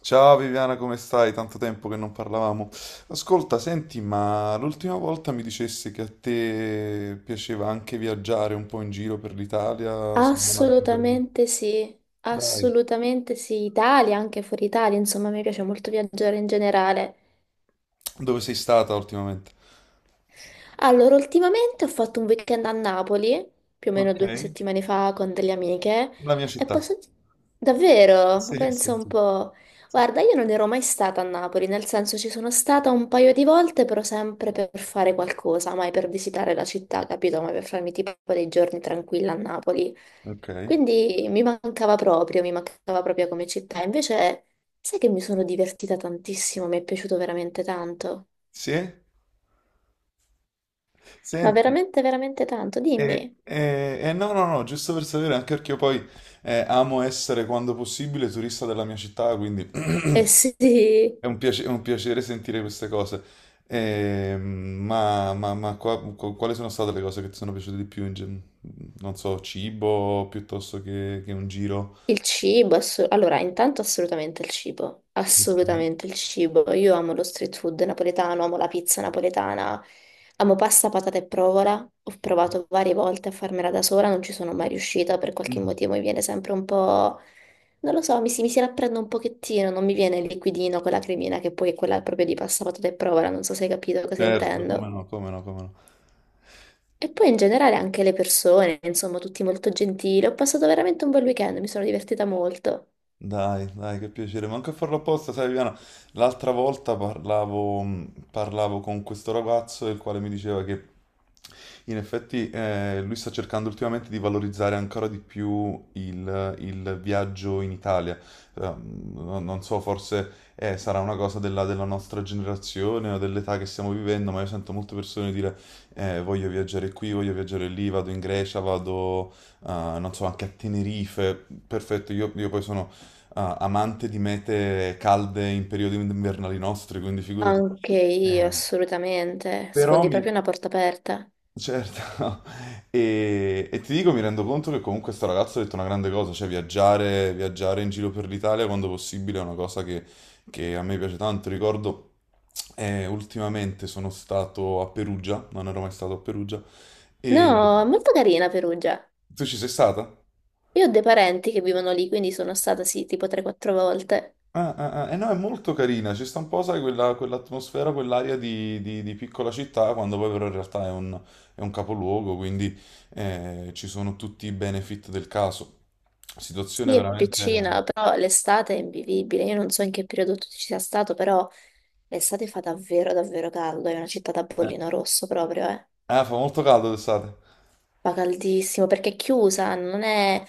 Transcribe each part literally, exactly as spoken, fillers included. Ciao Viviana, come stai? Tanto tempo che non parlavamo. Ascolta, senti, ma l'ultima volta mi dicessi che a te piaceva anche viaggiare un po' in giro per l'Italia, se non altro per... Assolutamente sì, Dai, assolutamente sì, Italia, anche fuori Italia, insomma, mi piace molto viaggiare in generale. dove sei stata ultimamente? Allora, ultimamente ho fatto un weekend a Napoli, più o meno Ok, due settimane fa, con delle amiche, la mia e città. posso. di- Davvero? Ma Sì, pensa sì. un Sì. po'. Guarda, io non ero mai stata a Napoli, nel senso ci sono stata un paio di volte, però sempre per fare qualcosa, mai per visitare la città, capito? Mai per farmi tipo dei giorni tranquilla a Napoli. Ok. Quindi mi mancava proprio, mi mancava proprio come città. Invece, sai che mi sono divertita tantissimo, mi è piaciuto veramente tanto. Sì? Ma Senti, veramente, veramente tanto, e, dimmi. e- e no, no, no, giusto per sapere, anche perché io poi eh, amo essere quando possibile turista della mia città, quindi Eh sì, È un piace- è un piacere sentire queste cose. Ehm, ma ma- ma qua- qu- quali sono state le cose che ti sono piaciute di più? in gen- non so, cibo piuttosto che, che un giro? il cibo, assu- allora intanto assolutamente il cibo, Ok. assolutamente il cibo, io amo lo street food napoletano, amo la pizza napoletana, amo pasta, patate e provola, ho provato varie volte a farmela da sola, non ci sono mai riuscita, per qualche motivo mi viene sempre un po', non lo so, mi si, mi si rapprende un pochettino, non mi viene il liquidino con la cremina che poi è quella proprio di pasta, patate e provola, non so se hai capito cosa Certo, come intendo. no, come no, come no. E poi in generale anche le persone, insomma, tutti molto gentili. Ho passato veramente un bel weekend, mi sono divertita molto. Dai, dai, che piacere, manco a farlo apposta, sai Viviana, l'altra volta parlavo, mh, parlavo con questo ragazzo il quale mi diceva che in effetti eh, lui sta cercando ultimamente di valorizzare ancora di più il, il viaggio in Italia. Eh, non non so, forse eh, sarà una cosa della, della nostra generazione o dell'età che stiamo vivendo, ma io sento molte persone dire eh, voglio viaggiare qui, voglio viaggiare lì, vado in Grecia, vado, eh, non so, anche a Tenerife. Perfetto, io io poi sono ah, amante di mete calde in periodi invernali nostri, quindi figurati. Anche io, assolutamente. Però Sfondi mi... proprio una porta aperta. Certo, e, e ti dico, mi rendo conto che comunque sto ragazzo ha detto una grande cosa, cioè viaggiare, viaggiare in giro per l'Italia quando possibile è una cosa che, che a me piace tanto. Ricordo, eh, ultimamente sono stato a Perugia, non ero mai stato a Perugia, e No, è molto carina Perugia. tu ci sei stata? Io ho dei parenti che vivono lì, quindi sono stata sì, tipo tre o quattro volte. Ah, ah, ah, eh no, è molto carina, ci sta un po', sai, quella, quell'atmosfera, quell'aria di, di- di piccola città, quando poi però in realtà è un, è un capoluogo, quindi eh, ci sono tutti i benefit del caso. Situazione Sì, è veramente... piccina, però l'estate è invivibile. Io non so in che periodo tu ci sia stato, però l'estate fa davvero, davvero caldo. È una città da Eh, bollino rosso proprio, eh. Ah, fa molto caldo d'estate. Fa caldissimo perché è chiusa, non è.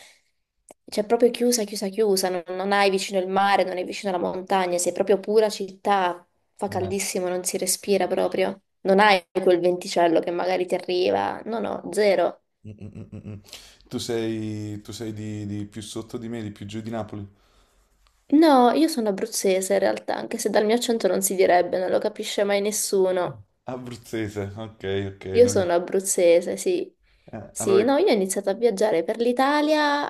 Cioè, proprio chiusa, chiusa, chiusa, non, non hai vicino il mare, non hai vicino la montagna, sei proprio pura città, fa Eh, caldissimo, non si respira proprio. Non hai quel venticello che magari ti arriva, no, no, zero. mm, mm, mm, mm. Mm. Tu sei, tu sei di, di più sotto di me, di più giù di Napoli? No, io sono abruzzese in realtà, anche se dal mio accento non si direbbe, non lo capisce mai nessuno. Abruzzese, ok, ok. Io noi- sono abruzzese, sì. eh, Sì, Allora... no, io ho iniziato a viaggiare per l'Italia,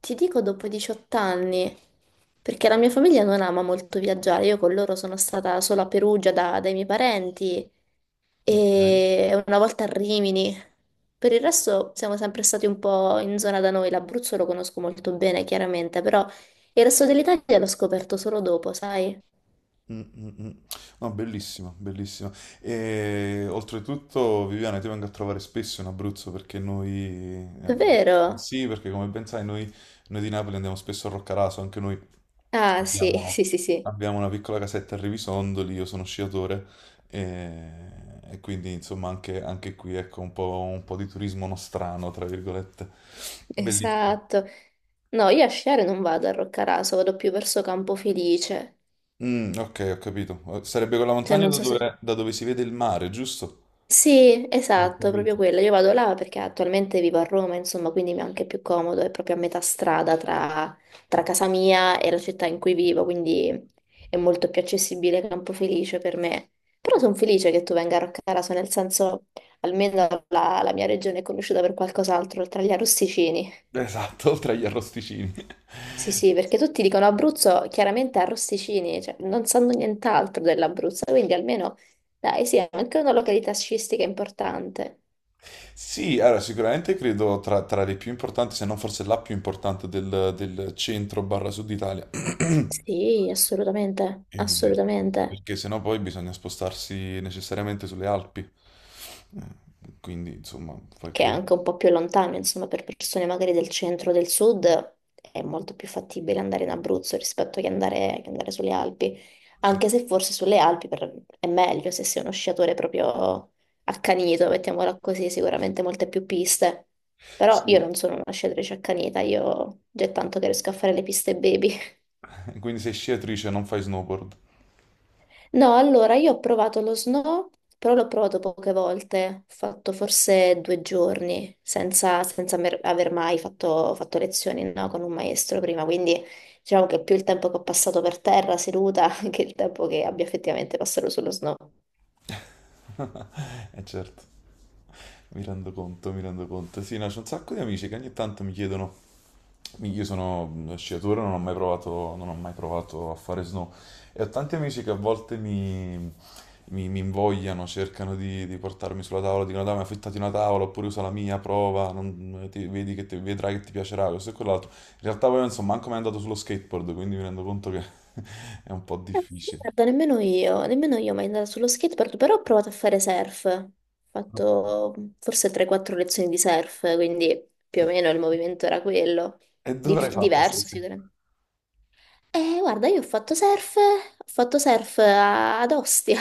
ti dico dopo diciotto anni, perché la mia famiglia non ama molto viaggiare, io con loro sono stata solo a Perugia da- dai miei parenti e una volta a Rimini. Per il resto siamo sempre stati un po' in zona da noi, l'Abruzzo lo conosco molto bene, chiaramente, però il resto dell'Italia l'ho scoperto solo dopo, sai? Mm, mm, mm. No, bellissima, bellissima. E oltretutto, Viviana, ti vengo a trovare spesso in Abruzzo perché noi... eh, Davvero? Sì, perché come ben sai, noi, noi di Napoli andiamo spesso a Roccaraso, anche noi Ah, sì, abbiamo, sì, sì, sì. abbiamo una piccola casetta a Rivisondoli, io sono sciatore e, e quindi insomma anche, anche qui ecco un po', un po' di turismo nostrano, tra virgolette. Bellissimo. Esatto. No, io a sciare non vado a Roccaraso, vado più verso Campofelice. Mm, ok, ho capito. Eh, Sarebbe quella Cioè, montagna non da so se. dove, da dove si vede il mare, giusto? Sì, Ho esatto, proprio capito. quella. Io vado là perché attualmente vivo a Roma, insomma, quindi mi è anche più comodo, è proprio a metà strada tra, tra, casa mia e la città in cui vivo, quindi è molto più accessibile Campofelice per me. Però sono felice che tu venga a Roccaraso, nel senso, almeno la, la mia regione è conosciuta per qualcos'altro, oltre agli arrosticini. Esatto, oltre agli arrosticini. Sì, sì, perché tutti dicono Abruzzo chiaramente a Rosticini, cioè non sanno nient'altro dell'Abruzzo, quindi almeno dai, sì, è anche una località sciistica importante. Sì, allora, sicuramente credo tra, tra le più importanti, se non forse la più importante del, del centro barra sud Italia. Sì, assolutamente, Eh, assolutamente. Perché sennò poi bisogna spostarsi necessariamente sulle Alpi. Eh, Quindi, insomma, poi Che è credo. anche un po' più lontano, insomma, per persone magari del centro o del sud è molto più fattibile andare in Abruzzo rispetto che andare, che andare, sulle Alpi, Sì. anche se forse sulle Alpi per- è meglio se sei uno sciatore proprio accanito, mettiamola così, sicuramente molte più piste. Però io Sì. non sono una sciatrice accanita, io già è tanto che riesco a fare le piste baby. Quindi sei sciatrice, non fai snowboard. No, allora io ho provato lo snow, però l'ho provato poche volte, ho fatto forse due giorni senza, senza, mer- aver mai fatto, fatto lezioni, no, con un maestro prima, quindi diciamo che è più il tempo che ho passato per terra seduta che il tempo che abbia effettivamente passato sullo snow. Eh certo, mi rendo conto, mi rendo conto. Sì, no, c'è un sacco di amici che ogni tanto mi chiedono, io sono uno sciatore, non ho mai provato, non ho mai provato a fare snow e ho tanti amici che a volte mi, mi- mi invogliano, cercano di, di portarmi sulla tavola, dicono dai, ma affittati una tavola oppure usa la mia, prova, non- ti- vedi che ti- vedrai che ti piacerà, questo e quell'altro. In realtà poi non so manco mai andato sullo skateboard, quindi mi rendo conto che è un po' difficile. Guarda, nemmeno io, nemmeno io mai andata sullo skateboard, però ho provato a fare surf, ho fatto forse tre quattro lezioni di surf, quindi più o meno il movimento era quello, E dove l'hai Dif- fatto diverso stasera? sicuramente. Eh, guarda, io ho fatto surf, ho fatto surf a- ad Ostia.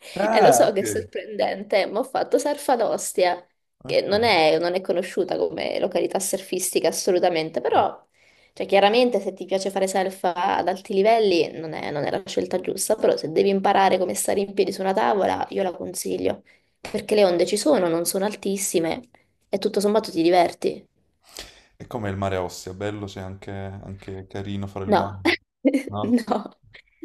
E Ah, lo so che è ok. sorprendente, ma ho fatto surf ad Ostia, che Ok. non è, non è, conosciuta come località surfistica assolutamente, però cioè, chiaramente se ti piace fare surf ad alti livelli non è, non è la scelta giusta, però se devi imparare come stare in piedi su una tavola, io la consiglio, perché le onde ci sono, non sono altissime e tutto sommato ti diverti. E com'è il mare a Ostia? Bello, c'è anche, anche carino fare il No, bagno, no? no,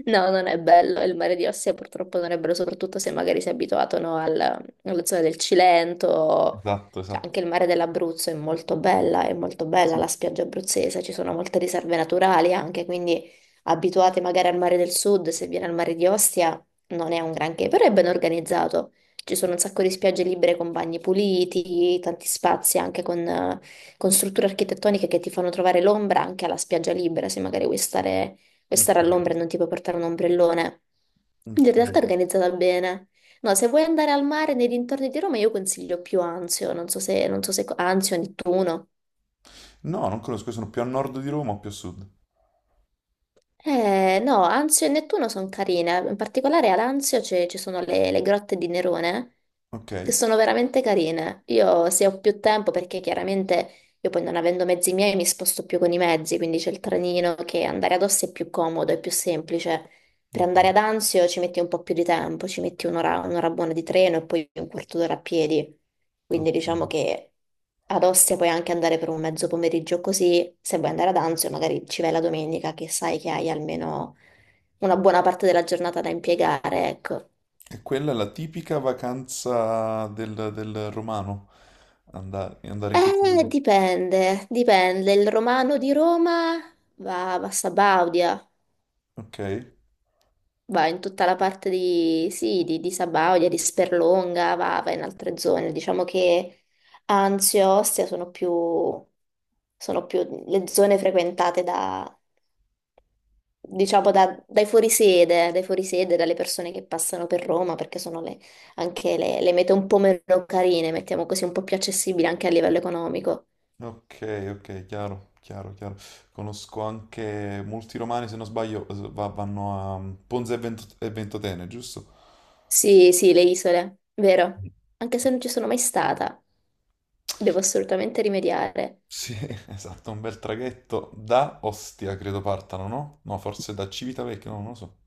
no, non è bello. Il mare di Ostia purtroppo non è bello, soprattutto se magari si è abituato, no, al- alla zona del Cilento. Esatto, Cioè, esatto. anche il mare dell'Abruzzo è molto bella, è molto bella Sì. la spiaggia abruzzese, ci sono molte riserve naturali anche, quindi abituati magari al mare del sud, se viene al mare di Ostia non è un granché, però è ben organizzato. Ci sono un sacco di spiagge libere con bagni puliti, tanti spazi anche con eh, con strutture architettoniche che ti fanno trovare l'ombra anche alla spiaggia libera, se magari vuoi stare, vuoi stare, Ok, all'ombra e non ti puoi portare un ombrellone. Quindi in realtà è ok. organizzata bene. No, se vuoi andare al mare nei dintorni di Roma, io consiglio più Anzio, non so se, non so se, Anzio, Nettuno. No, non conosco, io sono più a nord di Roma o più a sud? Eh, no, Anzio e Nettuno sono carine, in particolare ad Anzio c'è- ci sono le, le grotte di Nerone, Ok. che sono veramente carine. Io se ho più tempo, perché chiaramente io poi non avendo mezzi miei mi sposto più con i mezzi, quindi c'è il trenino che andare ad Ossi è più comodo, è più semplice. Per andare ad Ok. Anzio ci metti un po' più di tempo, ci metti un'ora un'ora buona di treno e poi un quarto d'ora a piedi. Quindi Ok. diciamo che ad Ostia puoi anche andare per un mezzo pomeriggio così, se vuoi andare ad Anzio magari ci vai la domenica che sai che hai almeno una buona parte della giornata da impiegare, ecco. E quella è la tipica vacanza del, del romano, andare, andare in questi due Eh, posti. dipende, dipende. Il romano di Roma va, va, a Sabaudia, Ok, va in tutta la parte di, sì, di, di Sabaudia, di Sperlonga, va, va, in altre zone. Diciamo che Anzio e Ostia sono più, sono più le zone frequentate da, diciamo, da- dai fuorisede, dai fuorisede, dalle persone che passano per Roma, perché sono le- anche le, le mete un po' meno carine, mettiamo così, un po' più accessibili anche a livello economico. ok, ok, chiaro, chiaro, chiaro. Conosco anche molti romani, se non sbaglio, s- va- vanno a mm, Ponza e Vento- e Ventotene, giusto? Sì, sì, le isole, vero? Anche se non ci sono mai stata, devo assolutamente rimediare. Sì, esatto, un bel traghetto da Ostia, credo partano, no? No, forse da Civitavecchia, no, non lo so.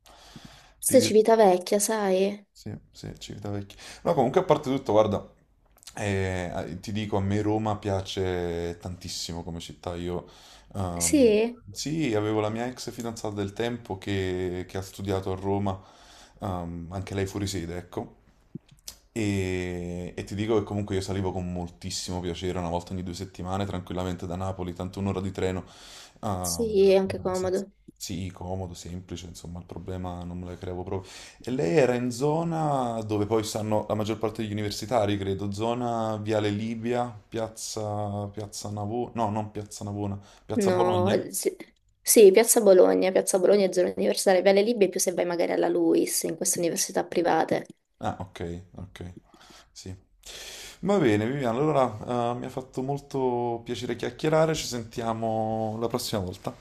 Ti Forse dirò. Civitavecchia, sai? Sì, sì, Civita Vecchia. No, comunque a parte tutto, guarda, eh, eh, ti dico, a me Roma piace tantissimo come città. Io, ehm, Sì, sì, avevo la mia ex fidanzata del tempo che, che ha studiato a Roma, ehm, anche lei fuori sede, ecco. E, e ti dico che comunque io salivo con moltissimo piacere una volta ogni due settimane, tranquillamente da Napoli, tanto un'ora di treno. ehm, sì, è anche abbastanza- comodo. sì, comodo, semplice, insomma, il problema non me lo creavo proprio. E lei era in zona dove poi stanno la maggior parte degli universitari, credo, zona Viale Libia, piazza, piazza Navona, no, non piazza Navona, piazza No, Bologna? sì. Sì, Piazza Bologna, Piazza Bologna è zona universitaria, Viale Libia è più se vai magari alla LUIS, in queste università private. Ah, ok, ok, sì. Va bene, Viviana, allora eh, mi ha fatto molto piacere chiacchierare, ci sentiamo la prossima volta.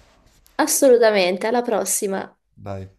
Assolutamente, alla prossima! Dai.